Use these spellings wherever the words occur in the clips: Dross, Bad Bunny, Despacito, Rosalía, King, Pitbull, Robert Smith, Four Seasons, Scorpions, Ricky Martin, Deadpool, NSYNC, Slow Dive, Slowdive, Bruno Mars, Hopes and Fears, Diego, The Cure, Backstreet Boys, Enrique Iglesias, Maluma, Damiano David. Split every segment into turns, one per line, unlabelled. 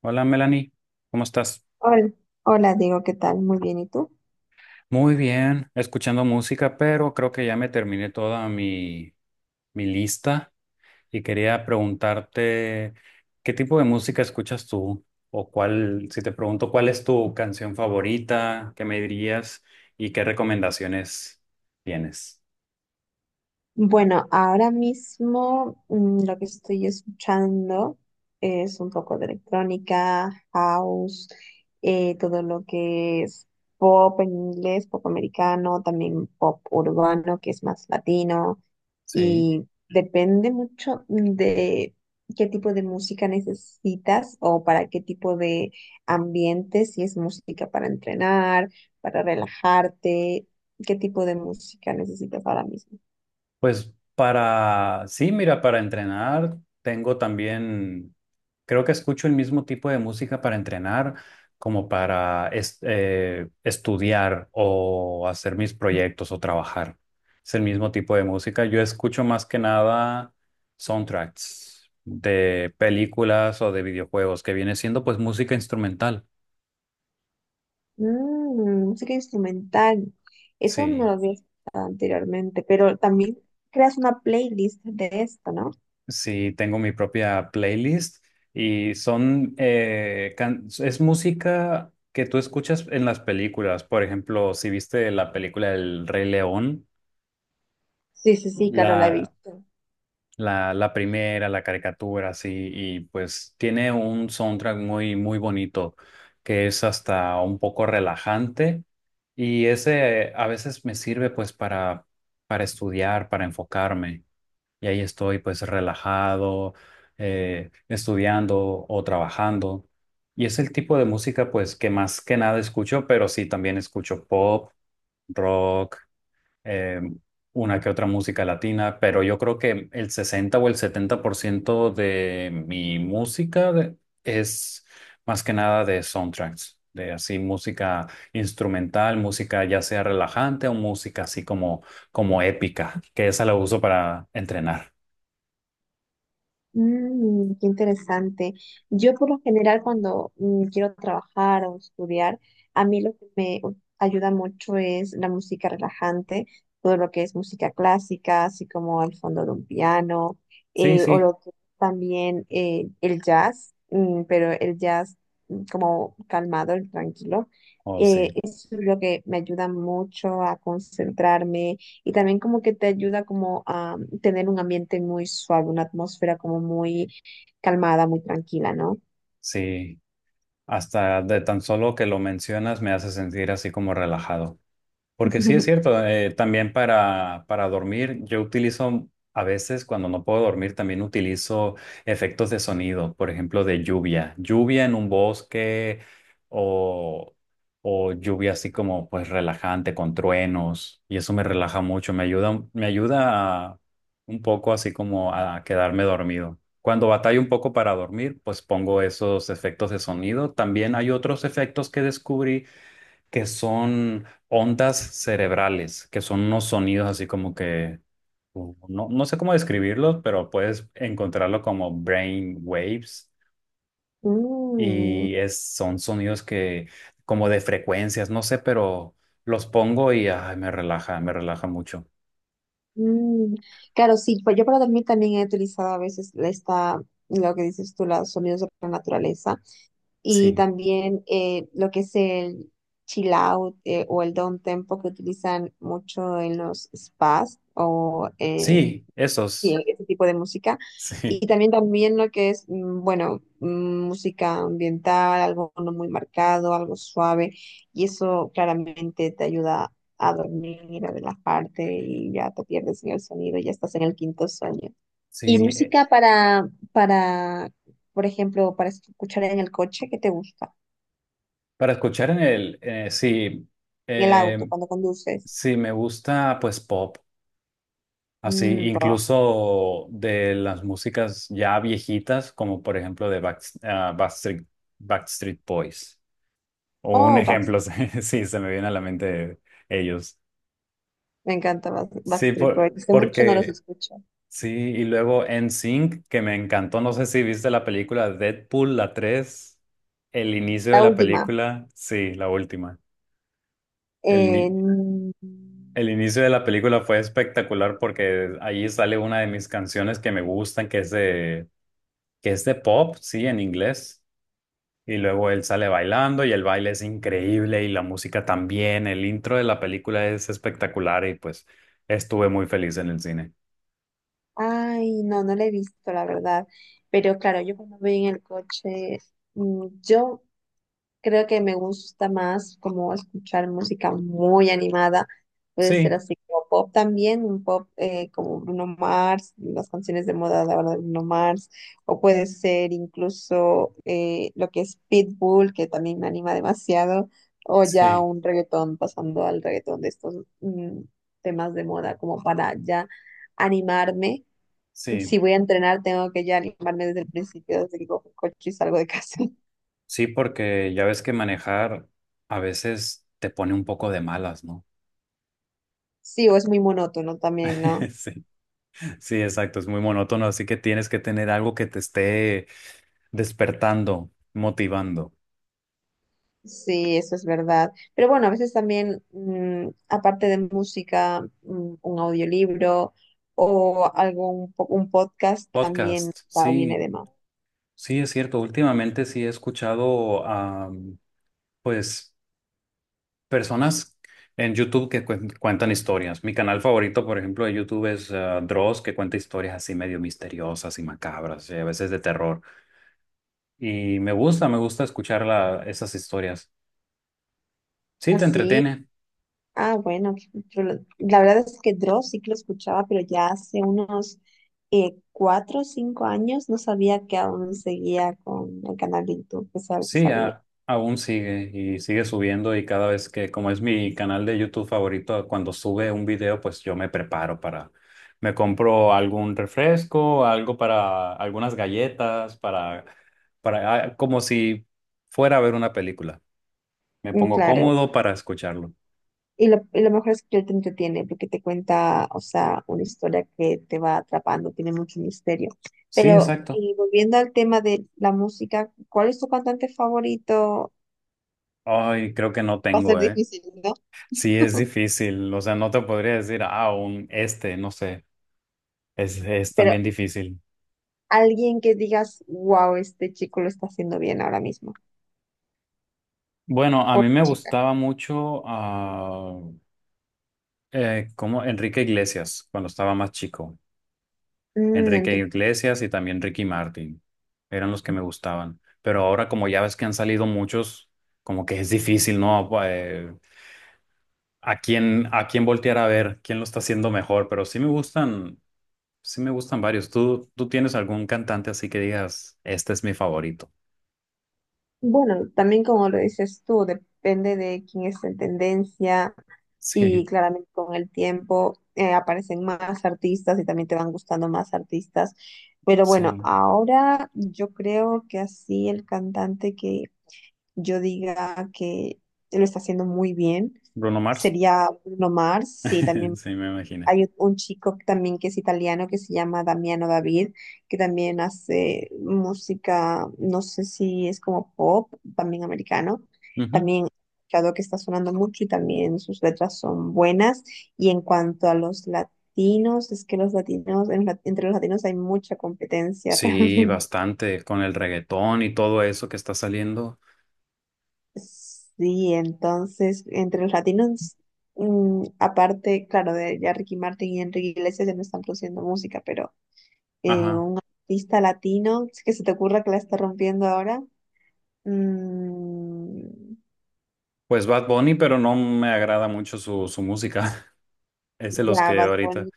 Hola Melanie, ¿cómo estás?
Hola, hola Diego, ¿qué tal? Muy bien, ¿y tú?
Muy bien, escuchando música, pero creo que ya me terminé toda mi lista y quería preguntarte qué tipo de música escuchas tú o cuál, si te pregunto cuál es tu canción favorita, qué me dirías y qué recomendaciones tienes.
Bueno, ahora mismo lo que estoy escuchando es un poco de electrónica, house, todo lo que es pop en inglés, pop americano, también pop urbano, que es más latino.
Sí.
Y depende mucho de qué tipo de música necesitas o para qué tipo de ambiente, si es música para entrenar, para relajarte, qué tipo de música necesitas ahora mismo.
Pues para, sí, mira, para entrenar tengo también, creo que escucho el mismo tipo de música para entrenar como para estudiar o hacer mis proyectos o trabajar. Es el mismo tipo de música. Yo escucho más que nada soundtracks de películas o de videojuegos, que viene siendo pues música instrumental.
Mm, música instrumental, eso no lo
Sí.
había escuchado anteriormente, pero también creas una playlist de esto, ¿no?
Sí, tengo mi propia playlist y son, es música que tú escuchas en las películas. Por ejemplo, si viste la película El Rey León,
Sí, sí, sí, claro, la he
la,
visto.
la primera, la caricatura, sí, y pues tiene un soundtrack muy, muy bonito que es hasta un poco relajante y ese a veces me sirve pues para estudiar, para enfocarme. Y ahí estoy pues relajado, estudiando o trabajando. Y es el tipo de música pues que más que nada escucho, pero sí también escucho pop, rock, eh, una que otra música latina, pero yo creo que el 60% o el 70% de mi música es más que nada de soundtracks, de así música instrumental, música ya sea relajante o música así como, como épica, que esa la uso para entrenar.
Mm, qué interesante. Yo por lo general cuando quiero trabajar o estudiar, a mí lo que ayuda mucho es la música relajante, todo lo que es música clásica, así como el fondo de un piano,
Sí,
o
sí,
lo que también el jazz, pero el jazz como calmado, el tranquilo.
oh sí,
Eso es lo que me ayuda mucho a concentrarme y también como que te ayuda como a tener un ambiente muy suave, una atmósfera como muy calmada, muy tranquila, ¿no?
sí. Hasta de tan solo que lo mencionas me hace sentir así como relajado. Porque sí es cierto, también para dormir, yo utilizo, a veces cuando no puedo dormir, también utilizo efectos de sonido, por ejemplo, de lluvia, lluvia en un bosque o, o lluvia así como pues relajante con truenos y eso me relaja mucho, me ayuda, un poco así como a quedarme dormido. Cuando batallo un poco para dormir, pues pongo esos efectos de sonido. También hay otros efectos que descubrí que son ondas cerebrales, que son unos sonidos así como que, no, no sé cómo describirlos, pero puedes encontrarlo como brain waves
Mm,
y es, son sonidos que como de frecuencias, no sé, pero los pongo y ay, me relaja mucho.
mm. Claro, sí, pues yo para dormir también he utilizado a veces esta, lo que dices tú, los sonidos de la naturaleza y
Sí,
también lo que es el chill out o el down tempo que utilizan mucho en los spas o en
sí,
sí,
esos,
ese tipo de música.
sí,
Y también lo que es, bueno, música ambiental, algo no muy marcado, algo suave. Y eso claramente te ayuda a dormir, a relajarte y ya te pierdes en el sonido, ya estás en el quinto sueño. Y
sí.
música para, por ejemplo, para escuchar en el coche, ¿qué te gusta?
Para escuchar en el, sí,
En el auto,
eh,
cuando conduces.
sí, me gusta pues pop. Así,
Mm, rock.
incluso de las músicas ya viejitas, como por ejemplo de Backstreet Boys. O un
Oh,
ejemplo, sí, sí, se me viene a la mente ellos.
me encanta
Sí,
Backstreet Boys. Hace mucho no los
porque
escucho.
sí, y luego NSYNC, que me encantó. No sé si viste la película Deadpool, la 3. El inicio de
La
la
última.
película, sí, la última. El,
Eh,
ini- el inicio de la película fue espectacular porque ahí sale una de mis canciones que me gustan, que es de pop, sí, en inglés. Y luego él sale bailando y el baile es increíble y la música también. El intro de la película es espectacular y pues estuve muy feliz en el cine.
ay, no, no la he visto, la verdad. Pero claro, yo cuando voy en el coche, yo creo que me gusta más como escuchar música muy animada. Puede ser
Sí,
así como pop también, un pop como Bruno Mars, las canciones de moda de ahora de Bruno Mars, o puede ser incluso lo que es Pitbull, que también me anima demasiado, o ya
sí,
un reggaetón, pasando al reggaetón de estos mm, temas de moda, como para ya animarme.
sí,
Si voy a entrenar, tengo que ya animarme desde el principio, desde que cojo el coche y salgo de casa.
sí, porque ya ves que manejar a veces te pone un poco de malas, ¿no?
Sí, o es muy monótono también, ¿no?
Sí, sí, exacto, es muy monótono, así que tienes que tener algo que te esté despertando, motivando.
Sí, eso es verdad. Pero bueno, a veces también, aparte de música, un audiolibro o un podcast también
Podcast,
va, viene
sí,
de más.
sí, es cierto. Últimamente sí he escuchado pues, personas en YouTube que cuentan historias. Mi canal favorito, por ejemplo, de YouTube es Dross, que cuenta historias así medio misteriosas y macabras, y a veces de terror. Y me gusta escuchar esas historias. Sí, te
Así,
entretiene.
ah, bueno, qué chulo. La verdad es que Dross sí que lo escuchaba, pero ya hace unos cuatro o cinco años no sabía que aún seguía con el canal de YouTube, que que
Sí,
sabía.
aún sigue y sigue subiendo y cada vez que, como es mi canal de YouTube favorito, cuando sube un video, pues yo me preparo para, me compro algún refresco, algo para, algunas galletas, para, como si fuera a ver una película. Me
Mm,
pongo
claro.
cómodo para escucharlo.
Y lo mejor es que él te entretiene porque te cuenta, o sea, una historia que te va atrapando, tiene mucho misterio.
Sí,
Pero
exacto.
volviendo al tema de la música, ¿cuál es tu cantante favorito?
Ay, creo que no
Va a ser
tengo, ¿eh?
difícil, ¿no?
Sí, es difícil. O sea, no te podría decir, un este, no sé. Es
Pero
también difícil.
alguien que digas, wow, este chico lo está haciendo bien ahora mismo.
Bueno, a
O
mí me
chica.
gustaba mucho como Enrique Iglesias cuando estaba más chico.
Mm,
Enrique
enti-
Iglesias y también Ricky Martin eran los que me gustaban. Pero ahora como ya ves que han salido muchos, como que es difícil, ¿no? A quién voltear a ver, quién lo está haciendo mejor. Pero sí me gustan varios. ¿Tú tienes algún cantante así que digas, este es mi favorito?
Bueno, también como lo dices tú, depende de quién es en tendencia, y
Sí,
claramente con el tiempo aparecen más artistas y también te van gustando más artistas. Pero bueno,
sí.
ahora yo creo que así el cantante que yo diga que lo está haciendo muy bien
Bruno Mars.
sería Bruno Mars. Sí, también
Sí, me imagino.
hay un chico también que es italiano que se llama Damiano David, que también hace música, no sé si es como pop, también americano. También he escuchado que está sonando mucho y también sus letras son buenas. Y en cuanto a los latinos, es que los latinos, entre los latinos hay mucha competencia
Sí,
realmente.
bastante, con el reggaetón y todo eso que está saliendo.
Sí, entonces, entre los latinos, aparte, claro, de ya Ricky Martin y Enrique Iglesias ya no están produciendo música, pero
Ajá.
un artista latino que se te ocurra que la está rompiendo ahora. Mm,
Pues Bad Bunny, pero no me agrada mucho su música. Es de los
ya,
que
Bad
ahorita.
Bunny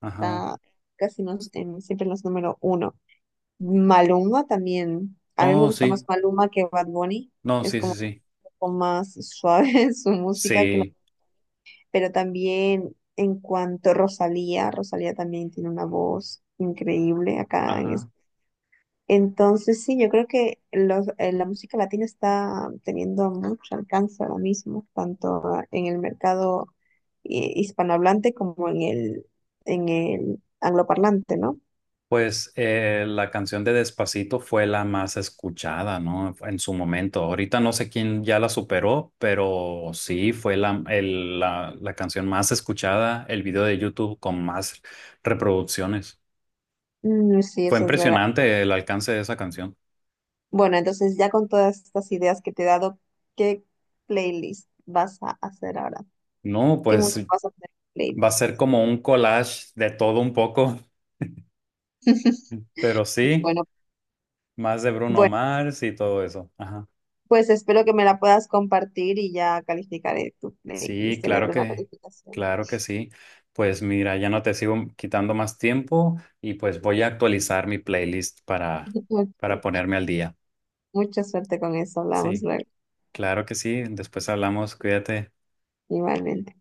Ajá.
está siempre en los número uno. Maluma también. A mí me
Oh,
gusta más
sí.
Maluma que Bad Bunny.
No,
Es
sí,
como
sí, sí.
un poco más suave su música que la-
Sí.
Pero también en cuanto a Rosalía, Rosalía también tiene una voz increíble acá en
Ajá.
entonces, sí, yo creo que la música latina está teniendo mucho alcance ahora mismo, tanto en el mercado hispanohablante como en el angloparlante, ¿no?
Pues la canción de Despacito fue la más escuchada, ¿no? En su momento. Ahorita no sé quién ya la superó, pero sí fue la canción más escuchada, el video de YouTube con más reproducciones.
Mm, sí,
Fue
eso es verdad.
impresionante el alcance de esa canción.
Bueno, entonces ya con todas estas ideas que te he dado, ¿qué playlist vas a hacer ahora?
No,
¿Qué
pues
música vas a hacer en
va a
playlist?
ser como un collage de todo un poco, pero sí,
Bueno,
más de Bruno
bueno,
Mars y todo eso. Ajá.
pues espero que me la puedas compartir y ya calificaré tu
Sí,
playlist, te le daré una calificación.
claro que sí. Pues mira, ya no te sigo quitando más tiempo y pues voy a actualizar mi playlist para
Ok.
ponerme al día.
Mucha suerte con eso. Hablamos
Sí,
luego.
claro que sí. Después hablamos, cuídate.
Igualmente.